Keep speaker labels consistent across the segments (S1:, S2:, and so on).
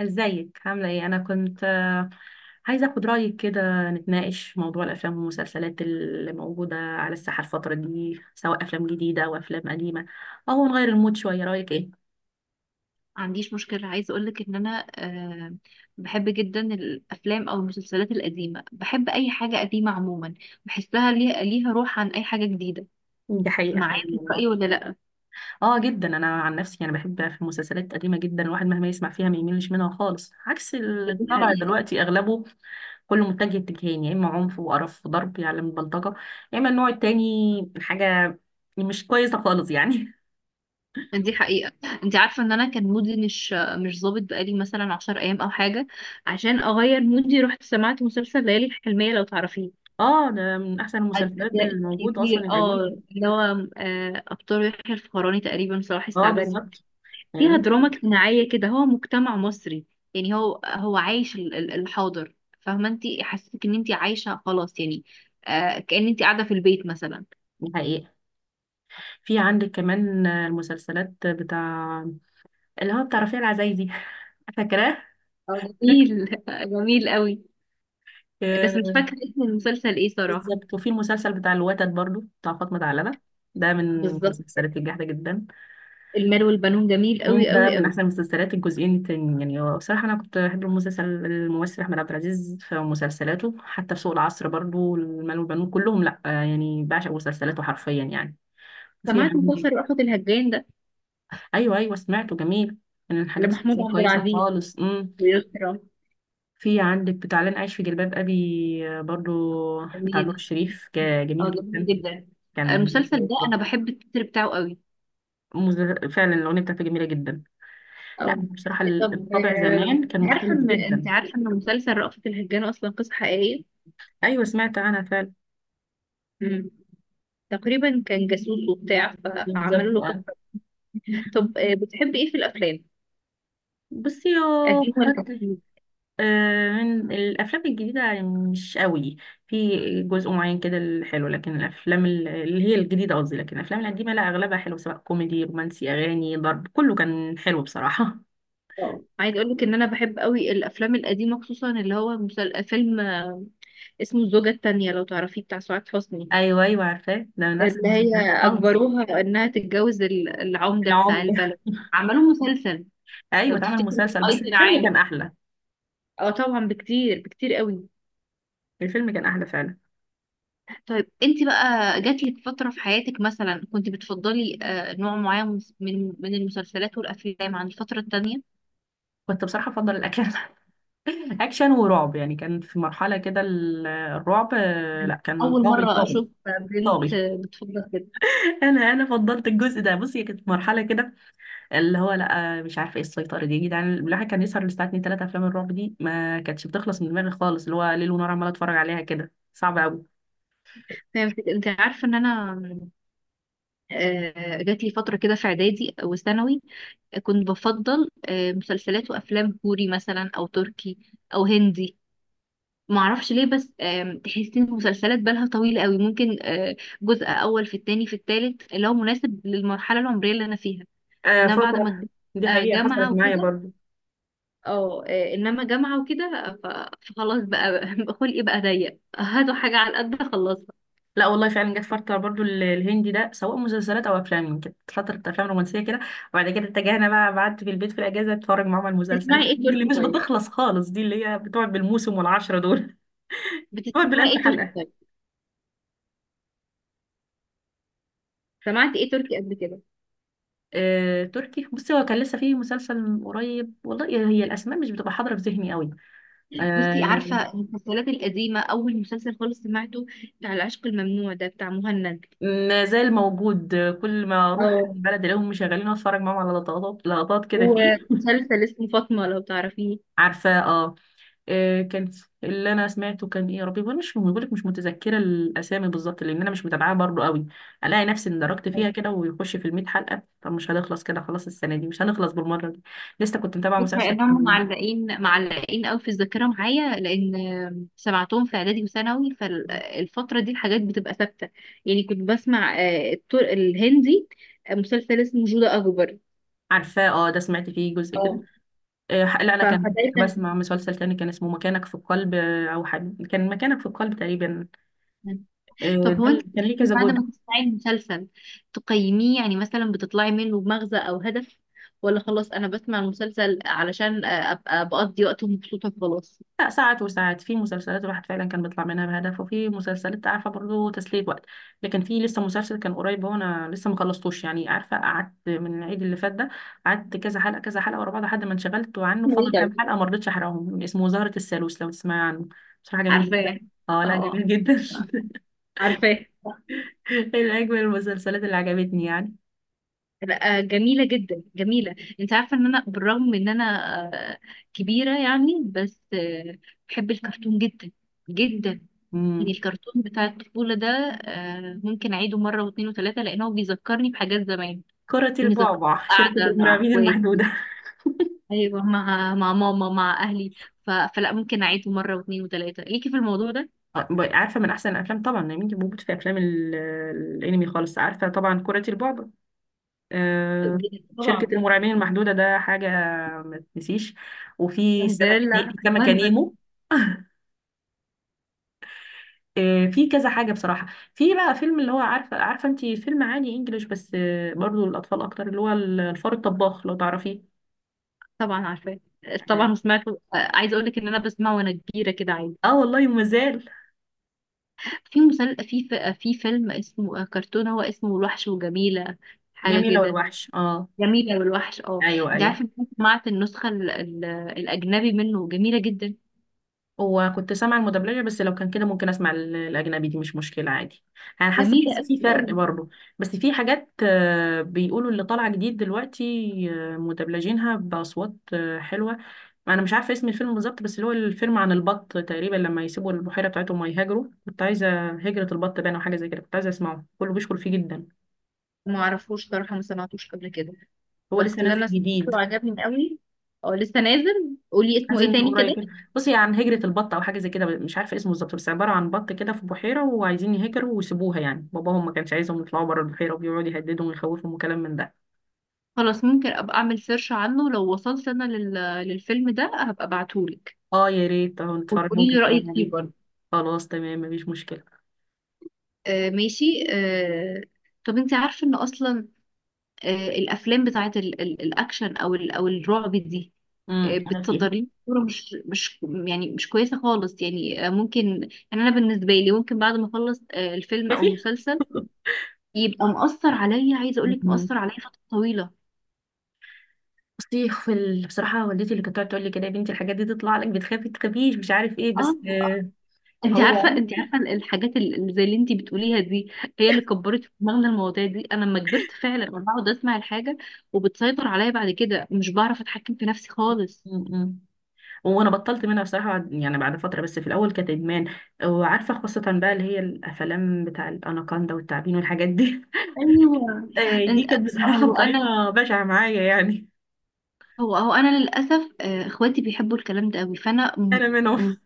S1: ازيك؟ عاملة ايه؟ انا كنت عايزة اخد رأيك كده، نتناقش في موضوع الافلام والمسلسلات اللي موجودة على الساحة الفترة دي، سواء افلام جديدة او افلام قديمة، او نغير المود شوية. رأيك ايه؟
S2: ما عنديش مشكلة، عايزة أقولك إن أنا بحب جدا الأفلام أو المسلسلات القديمة. بحب أي حاجة قديمة عموما، بحسها ليها روح عن أي حاجة جديدة.
S1: دي حقيقة فعلا
S2: معايا في
S1: والله.
S2: الرأي ولا لأ؟
S1: اه جدا. انا عن نفسي انا بحب في المسلسلات القديمة جدا، الواحد مهما يسمع فيها ما يميلش منها خالص، عكس اللي
S2: دي
S1: طالع
S2: حقيقة.
S1: دلوقتي اغلبه كله متجه اتجاهين، يا اما عنف وقرف وضرب يعلم البلطجة، يا اما النوع التاني حاجة مش كويسة خالص يعني.
S2: دي حقيقة. أنت عارفة إن أنا كان مودي مش ظابط بقالي مثلا عشر أيام أو حاجة، عشان أغير مودي رحت سمعت مسلسل ليالي الحلمية، لو تعرفيه.
S1: اه، ده من احسن المسلسلات
S2: أجزاء
S1: الموجودة
S2: كتير،
S1: اصلا
S2: اه،
S1: القديم.
S2: اللي هو أبطال يحيى الفخراني، تقريبا صلاح
S1: اه
S2: السعدني.
S1: بالظبط،
S2: فيها
S1: فاهمين.
S2: دراما اجتماعية كده، هو مجتمع مصري، يعني هو عايش الحاضر. فاهمة انت، حسيتك ان انت عايشة خلاص يعني. آه، كأن انت قاعدة في البيت مثلا.
S1: دي حقيقة. في عندك كمان المسلسلات بتاع اللي هو بتاع رفيع العزايزي. فاكراه؟ فاكرة؟
S2: جميل، جميل قوي. بس مش
S1: آه،
S2: فاكرة اسم المسلسل ايه صراحة.
S1: بالظبط. وفي المسلسل بتاع الوتد، برضو بتاع فاطمة علبة، ده من
S2: بالظبط،
S1: المسلسلات الجامدة جدا.
S2: المال والبنون جميل قوي
S1: ده
S2: قوي
S1: من
S2: قوي.
S1: احسن المسلسلات. الجزئين التاني يعني، هو بصراحة انا كنت بحب المسلسل، الممثل احمد عبد العزيز في مسلسلاته، حتى في سوق العصر برضو، المال والبنون، كلهم لا يعني بعشق مسلسلاته حرفيا يعني. في
S2: سمعت
S1: عندك؟
S2: مسلسل رأفت الهجان ده،
S1: ايوه ايوه سمعته، جميل. من الحاجات
S2: لمحمود
S1: السياسيه
S2: عبد
S1: كويسه
S2: العزيز
S1: خالص.
S2: ويسرا.
S1: في عندك بتاع لن، عايش في جلباب ابي برضو بتاع نور
S2: جميل،
S1: الشريف، جميل
S2: اه جميل
S1: جدا.
S2: جدا.
S1: كان
S2: المسلسل
S1: كويس
S2: ده انا
S1: برضو.
S2: بحب التتر بتاعه قوي.
S1: فعلا الاغنيه بتاعته جميله جدا. لا
S2: أو
S1: بصراحه،
S2: إيه، طب
S1: الطبع
S2: آه،
S1: زمان كان
S2: عارفة
S1: مختلف
S2: إن أنت،
S1: جدا.
S2: عارفة إن مسلسل رأفت الهجان أصلا قصة حقيقية؟
S1: ايوه سمعت عنها فعلا.
S2: مم. تقريبا كان جاسوس وبتاع فعملوا
S1: بالظبط
S2: له
S1: آه.
S2: قصة. طب بتحبي إيه في الأفلام؟
S1: بصي يا
S2: قديم ولا
S1: حد،
S2: جديد؟
S1: من الافلام الجديده يعني مش قوي، في جزء معين كده الحلو، لكن الافلام اللي هي الجديده قصدي، لكن الافلام القديمه لا اغلبها حلو، سواء كوميدي، رومانسي، اغاني، ضرب، كله كان حلو بصراحه.
S2: اه، عايز أقول لك إن أنا بحب قوي الأفلام القديمة، خصوصا اللي هو فيلم اسمه الزوجة التانية، لو تعرفيه، بتاع سعاد حسني.
S1: ايوه ايوه عارفاه، ده من احسن
S2: اللي هي
S1: المسلسلات خالص.
S2: أجبروها إنها تتجوز العمدة بتاع
S1: العمده.
S2: البلد، عملوا مسلسل. لو
S1: ايوه اتعمل
S2: تفتكري
S1: مسلسل، بس
S2: أيضا
S1: الفيلم
S2: عامر،
S1: كان احلى.
S2: اه طبعا، بكتير بكتير قوي.
S1: الفيلم كان احلى فعلا.
S2: طيب انت بقى جاتلك فترة في حياتك مثلا كنت بتفضلي نوع معين من المسلسلات والأفلام عن الفترة التانية؟
S1: كنت بصراحه افضل الاكشن. اكشن ورعب يعني، كان في مرحله كده الرعب لا
S2: يعني
S1: كان
S2: أول
S1: طاغي،
S2: مرة
S1: طاغي،
S2: أشوف بنت
S1: طاغي.
S2: بتفضل كده.
S1: انا فضلت الجزء ده. بصي كانت مرحله كده، اللي هو لا مش عارفه ايه السيطره دي يا جدعان. الواحد كان يسهر للساعه 2 3، افلام الرعب دي ما كانتش بتخلص من دماغي خالص، اللي هو ليل ونهار عماله اتفرج عليها كده، صعب قوي.
S2: فهمت. انت عارفة ان انا جاتلي فترة كده في إعدادي وثانوي كنت بفضل مسلسلات وأفلام كوري مثلا، أو تركي، أو هندي، معرفش ليه. بس تحسي ان المسلسلات بالها طويلة قوي، ممكن جزء أول في التاني في التالت اللي هو مناسب للمرحلة العمرية اللي أنا فيها.
S1: آه
S2: إن انا بعد ما
S1: فتره،
S2: كبرت
S1: دي حقيقه
S2: جامعه
S1: حصلت معايا
S2: وكده،
S1: برضو.
S2: اه، انما جامعه وكده، فخلاص بقى بقى خلقي بقى ضيق، هاتوا حاجه على القد خلصها.
S1: لا والله فعلا جت فتره برضو الهندي ده، سواء مسلسلات او افلام، كانت فتره افلام رومانسيه كده، وبعد كده اتجهنا بقى، قعدت في البيت في الاجازه اتفرج معاهم على المسلسلات
S2: بتسمعي ايه
S1: الهندي اللي
S2: تركي
S1: مش
S2: طيب؟
S1: بتخلص خالص دي، اللي هي بتقعد بالموسم والعشره دول. بتقعد
S2: بتسمعي
S1: بالالف
S2: ايه تركي
S1: حلقه.
S2: طيب؟ سمعتي ايه تركي قبل كده؟
S1: تركي، بصي هو كان لسه فيه مسلسل قريب والله، هي الاسماء مش بتبقى حاضره في ذهني قوي. آه
S2: بصي،
S1: لا.
S2: عارفه المسلسلات القديمه، اول مسلسل خالص سمعته بتاع العشق الممنوع ده، بتاع مهند.
S1: ما زال موجود، كل ما اروح
S2: اه،
S1: البلد الاقيهم مشغلين، اتفرج معاهم على لقطات كده فيه.
S2: ومسلسل اسمه فاطمه، لو تعرفيه.
S1: عارفاه اه. كان، اللي انا سمعته كان ايه يا ربي، وانا مش بقول لك مش متذكره الاسامي بالظبط، لان انا مش متابعاها برضو قوي. الاقي نفسي اندركت فيها كده، ويخش في ال 100 حلقه، طب مش هنخلص كده، خلاص السنه دي مش هنخلص بالمره دي. لسه كنت متابعه
S2: بص،
S1: مسلسل.
S2: لانهم معلقين معلقين قوي في الذاكره معايا، لان سمعتهم في اعدادي وثانوي، فالفتره دي الحاجات بتبقى ثابته. يعني كنت بسمع الهندي، مسلسل اسمه جودة اكبر.
S1: عارفاه اه، ده سمعت فيه جزء كده.
S2: اه،
S1: لا انا كان كنت
S2: فدايما
S1: بسمع مسلسل تاني كان اسمه مكانك في القلب، او حد كان مكانك في القلب تقريبا.
S2: طب هو
S1: ده
S2: انت
S1: اللي كان ليه
S2: بتحبي
S1: كذا
S2: بعد
S1: جزء.
S2: ما تسمعي المسلسل تقيميه، يعني مثلا بتطلعي منه بمغزى او هدف؟ ولا خلاص، انا بسمع المسلسل علشان ابقى بقضي وقت ومبسوطه خلاص.
S1: لا ساعات وساعات، في مسلسلات الواحد فعلا كان بيطلع منها بهدف، وفي مسلسلات عارفه برضه تسلية وقت، لكن في لسه مسلسل كان قريب، هو انا لسه ما خلصتوش يعني، عارفه قعدت من العيد اللي فات ده، قعدت كذا حلقه كذا حلقه ورا بعض، لحد ما انشغلت عنه،
S2: اسمه ايه
S1: فاضل كام
S2: طيب؟
S1: حلقه ما رضيتش احرقهم، اسمه زهرة الثالوث لو تسمعي عنه. بصراحه جميل جدا.
S2: عارفاه،
S1: اه
S2: اه.
S1: لا جميل جدا.
S2: آه. عارفاه،
S1: من اجمل المسلسلات اللي عجبتني يعني.
S2: لا جميلة جدا جميلة. انت عارفة ان انا بالرغم من ان انا آه، كبيرة يعني، بس بحب الكرتون جدا جدا. يعني
S1: امم
S2: الكرتون بتاع الطفولة ده ممكن اعيده مرة واثنين وثلاثة، لان هو بيذكرني بحاجات زمان،
S1: كرة
S2: بيذكرني
S1: البعبع، شركة
S2: قاعدة مع
S1: المرعبين
S2: اخواتي،
S1: المحدودة.
S2: ايوه مع ماما، مع اهلي. فلا، ممكن اعيده مرة واثنين وثلاثة ليكي في الموضوع ده.
S1: عارفه من احسن الافلام طبعا يا بنتي، بموت في افلام الانمي خالص. عارفه طبعا كرة البعبع، آه،
S2: طبعا.
S1: شركة المرعبين المحدودة، ده حاجة ما تنسيش. وفي
S2: سندريلا
S1: سمكة
S2: بندل.
S1: نيمو. في كذا حاجة بصراحة. في بقى فيلم اللي هو، عارفة عارفة انتي فيلم عادي انجليش بس برضو الأطفال أكتر، اللي هو الفار الطباخ لو تعرفيه.
S2: طبعا عارفاه. طبعا، وسمعته. عايزه اقول لك ان انا بسمعه وانا كبيره كده عادي.
S1: اه والله، ومازال.
S2: في مسل... في ف... في فيلم اسمه كرتون، هو اسمه الوحش وجميلة، حاجة
S1: جميلة
S2: كده.
S1: والوحش اه.
S2: جميلة والوحش، اه.
S1: ايوه
S2: انت
S1: ايوه.
S2: عارفة إن أنا سمعت النسخة الأجنبي منه جميلة جدا.
S1: وكنت سامعة المدبلجة، بس لو كان كده ممكن أسمع الأجنبي، دي مش مشكلة عادي. أنا حاسة
S2: جميلة
S1: بحس
S2: أوي
S1: في فرق
S2: أوي.
S1: برضه. بس في حاجات بيقولوا اللي طالعة جديد دلوقتي، مدبلجينها بأصوات حلوة. أنا مش عارفة اسم الفيلم بالظبط، بس اللي هو الفيلم عن البط تقريبا، لما يسيبوا البحيرة بتاعتهم ويهاجروا، كنت عايزة هجرة البط باين أو حاجة زي كده، كنت عايزة أسمعه، كله بيشكر فيه جدا.
S2: ما أعرفوش صراحة، ما سمعتوش قبل كده،
S1: هو
S2: بس
S1: لسه
S2: اللي
S1: نازل
S2: أنا
S1: جديد.
S2: سمعته عجبني أوي. اه لسه نازل، قولي اسمه
S1: نازل
S2: ايه
S1: من
S2: تاني كده.
S1: قريب. بصي، عن هجرة البط أو حاجة زي كده مش عارفة إيه اسمه بالظبط، بس عبارة عن بط كده في بحيرة وعايزين يهجروا ويسيبوها، يعني باباهم ما كانش عايزهم يطلعوا بره البحيرة، وبيقعد يهددهم ويخوفهم وكلام من ده.
S2: خلاص، ممكن أبقى أعمل سيرش عنه، لو وصلت أنا للفيلم ده هبقى أبعتهولك،
S1: اه يا ريت، اه نتفرج،
S2: وتقولي
S1: ممكن
S2: لي
S1: نتفرج
S2: رأيك فيه
S1: عليه.
S2: برضه.
S1: خلاص تمام، مفيش مشكلة.
S2: آه ماشي. آه. طب انت عارفة ان اصلا الافلام بتاعت الاكشن، او الرعب دي
S1: امم، أنا فيها
S2: بتصدر لي صورة مش يعني مش كويسه خالص يعني. ممكن يعني انا بالنسبه لي، ممكن بعد ما اخلص الفيلم
S1: يا
S2: او
S1: فيها.
S2: المسلسل يبقى مؤثر عليا، عايزه اقول لك مؤثر
S1: مم.
S2: عليا فتره طويله.
S1: بصي في ال... بصراحة والدتي اللي كانت تقعد تقول لي كده، يا بنتي الحاجات دي تطلع لك، بتخافي تخافيش مش عارف ايه،
S2: اه،
S1: بس
S2: انت عارفه،
S1: هو.
S2: انت عارفه الحاجات اللي زي اللي انت بتقوليها دي، هي اللي كبرت في دماغنا المواضيع دي. انا لما كبرت فعلا انا بقعد اسمع الحاجه وبتسيطر عليا بعد كده، مش بعرف اتحكم في نفسي خالص.
S1: مم. وانا بطلت منها بصراحه، بعد يعني بعد فتره، بس في الاول كانت ادمان. وعارفه خاصه بقى اللي هي الافلام بتاع الاناكوندا والتعابين والحاجات دي.
S2: ايوه.
S1: دي
S2: إن-
S1: كانت بصراحه
S2: وانا
S1: بطريقه بشعه معايا يعني.
S2: هو انا للاسف اخواتي بيحبوا الكلام ده قوي، فانا
S1: انا منهم.
S2: م-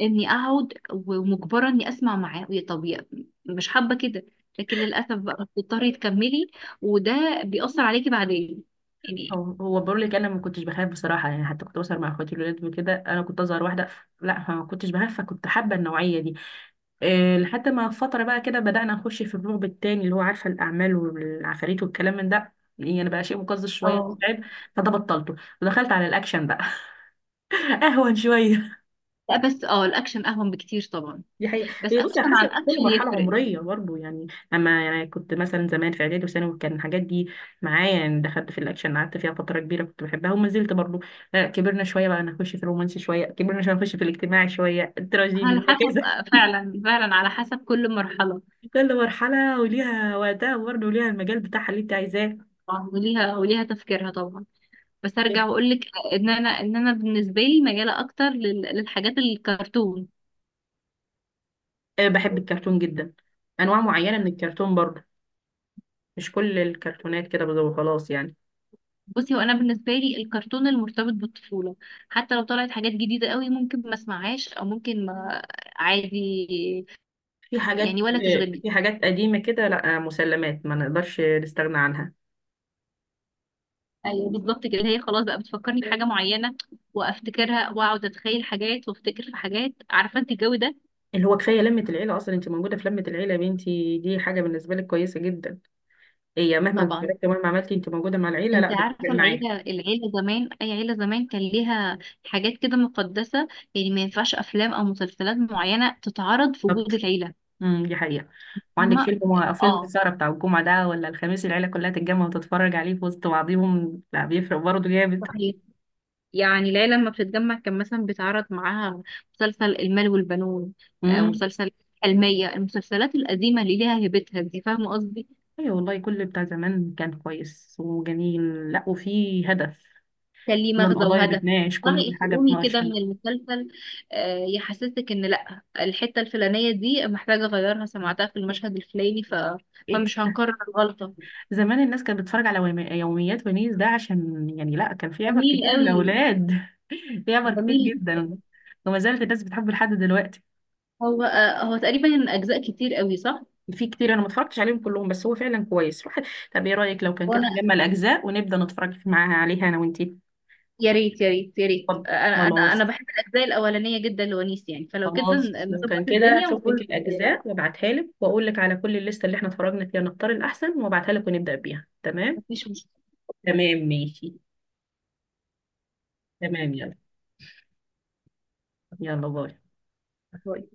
S2: اني اقعد ومجبره اني اسمع معاه، مش حابه كده، لكن للاسف بقى بتضطري تكملي، وده بيأثر عليكي بعدين يعني.
S1: هو بقول لك انا ما كنتش بخاف بصراحه يعني، حتى كنت بسهر مع اخواتي الولاد وكده، انا كنت اصغر واحده. لا ما كنتش بخاف، فكنت حابه النوعيه دي. لحد ما فتره بقى كده بدانا نخش في الرعب التاني، اللي هو عارفه الاعمال والعفاريت والكلام من ده يعني، بقى شيء مقزز شويه
S2: اه،
S1: تعب. فده بطلته. ودخلت على الاكشن بقى. اهون شويه.
S2: لا بس اه الاكشن اهون بكتير طبعا.
S1: دي حقيقة،
S2: بس
S1: هي بصي على
S2: اكشن عن
S1: حسب كل
S2: اكشن
S1: مرحلة
S2: يفرق.
S1: عمرية برضه يعني. أما يعني كنت مثلا زمان في إعدادي وثانوي، كان الحاجات دي معايا يعني، دخلت في الأكشن قعدت فيها فترة كبيرة، كنت بحبها وما زلت برضه. كبرنا شوية بقى نخش في الرومانسي شوية، كبرنا شوية نخش في الاجتماعي شوية، التراجيدي،
S2: على حسب،
S1: وهكذا.
S2: فعلا فعلا على حسب كل مرحله.
S1: كل مرحلة وليها وقتها برضه، وليها المجال بتاعها اللي أنت عايزاه.
S2: طبعاً، وليها تفكيرها طبعا. بس ارجع واقول لك ان انا بالنسبه لي مياله اكتر للحاجات الكرتون.
S1: بحب الكرتون جدا. أنواع معينة من الكرتون برضه، مش كل الكرتونات كده وخلاص يعني.
S2: بصي، هو انا بالنسبه لي الكرتون المرتبط بالطفوله، حتى لو طلعت حاجات جديده قوي ممكن ما اسمعهاش، او ممكن ما عادي
S1: في حاجات
S2: يعني ولا تشغلني.
S1: في حاجات قديمة كده لا مسلمات ما نقدرش نستغنى عنها.
S2: ايوه بالظبط كده، هي خلاص بقى بتفكرني بحاجه معينه، وافتكرها واقعد اتخيل حاجات، وافتكر في حاجات، عارفه انت الجو ده.
S1: اللي هو كفايه لمه العيله، اصلا انت موجوده في لمه العيله يا بنتي، دي حاجه بالنسبه لك كويسه جدا. هي مهما
S2: طبعا.
S1: اتفرجتي ومهما عملتي، انت موجوده مع العيله،
S2: انت
S1: لا بتفرق
S2: عارفه
S1: معاك.
S2: العيله، العيله زمان، اي عيله زمان كان ليها حاجات كده مقدسه، يعني ما ينفعش افلام او مسلسلات معينه تتعرض في
S1: بالظبط.
S2: وجود العيله.
S1: دي حقيقه. وعندك
S2: فاهمه.
S1: فيلم فيلم
S2: اه.
S1: السهره بتاع الجمعه ده، ولا الخميس، العيله كلها تتجمع وتتفرج عليه في وسط بعضهم، لا بيفرق برضه جامد.
S2: صحيح. يعني ليلى لما بتتجمع كان مثلا بيتعرض معاها مسلسل المال والبنون،
S1: امم.
S2: مسلسل حلمية، المسلسلات القديمة اللي ليها هيبتها دي، فاهمة قصدي.
S1: ايوه والله، كل بتاع زمان كان كويس وجميل لا، وفي هدف.
S2: كان ليه
S1: كل
S2: مغزى
S1: القضايا
S2: وهدف.
S1: بتناقش، كل
S2: تقدري
S1: حاجه
S2: تقومي
S1: بتناقش
S2: كده
S1: يعني.
S2: من المسلسل، يحسسك ان لا الحتة الفلانية دي محتاجة اغيرها، سمعتها في المشهد الفلاني
S1: إيه.
S2: فمش هنكرر الغلطة.
S1: زمان الناس كانت بتتفرج على يوميات ونيس ده، عشان يعني لا كان في عبر
S2: جميل
S1: كتير
S2: قوي.
S1: للأولاد. في عبر كتير
S2: جميل جدا.
S1: جدا. وما زالت الناس بتحبه لحد دلوقتي.
S2: هو هو تقريبا اجزاء كتير قوي، صح؟
S1: في كتير انا ما اتفرجتش عليهم كلهم، بس هو فعلا كويس روح. طب ايه رأيك لو كان كده نجمع الأجزاء ونبدأ نتفرج معاها عليها انا وانتي؟
S2: يا ريت يا ريت يا ريت،
S1: طب
S2: انا انا
S1: خلاص،
S2: بحب الاجزاء الاولانيه جدا لونيس يعني، فلو كده
S1: خلاص لو
S2: نظبط
S1: كان كده
S2: الدنيا
S1: اشوف لك
S2: ونقول ايه رأيك؟
S1: الأجزاء وابعتها لك، واقول لك على كل الليستة اللي احنا اتفرجنا فيها نختار الأحسن، وابعتها لك ونبدأ بيها تمام.
S2: مفيش مشكله.
S1: تمام ماشي. تمام، يلا. يلا باي.
S2: باي.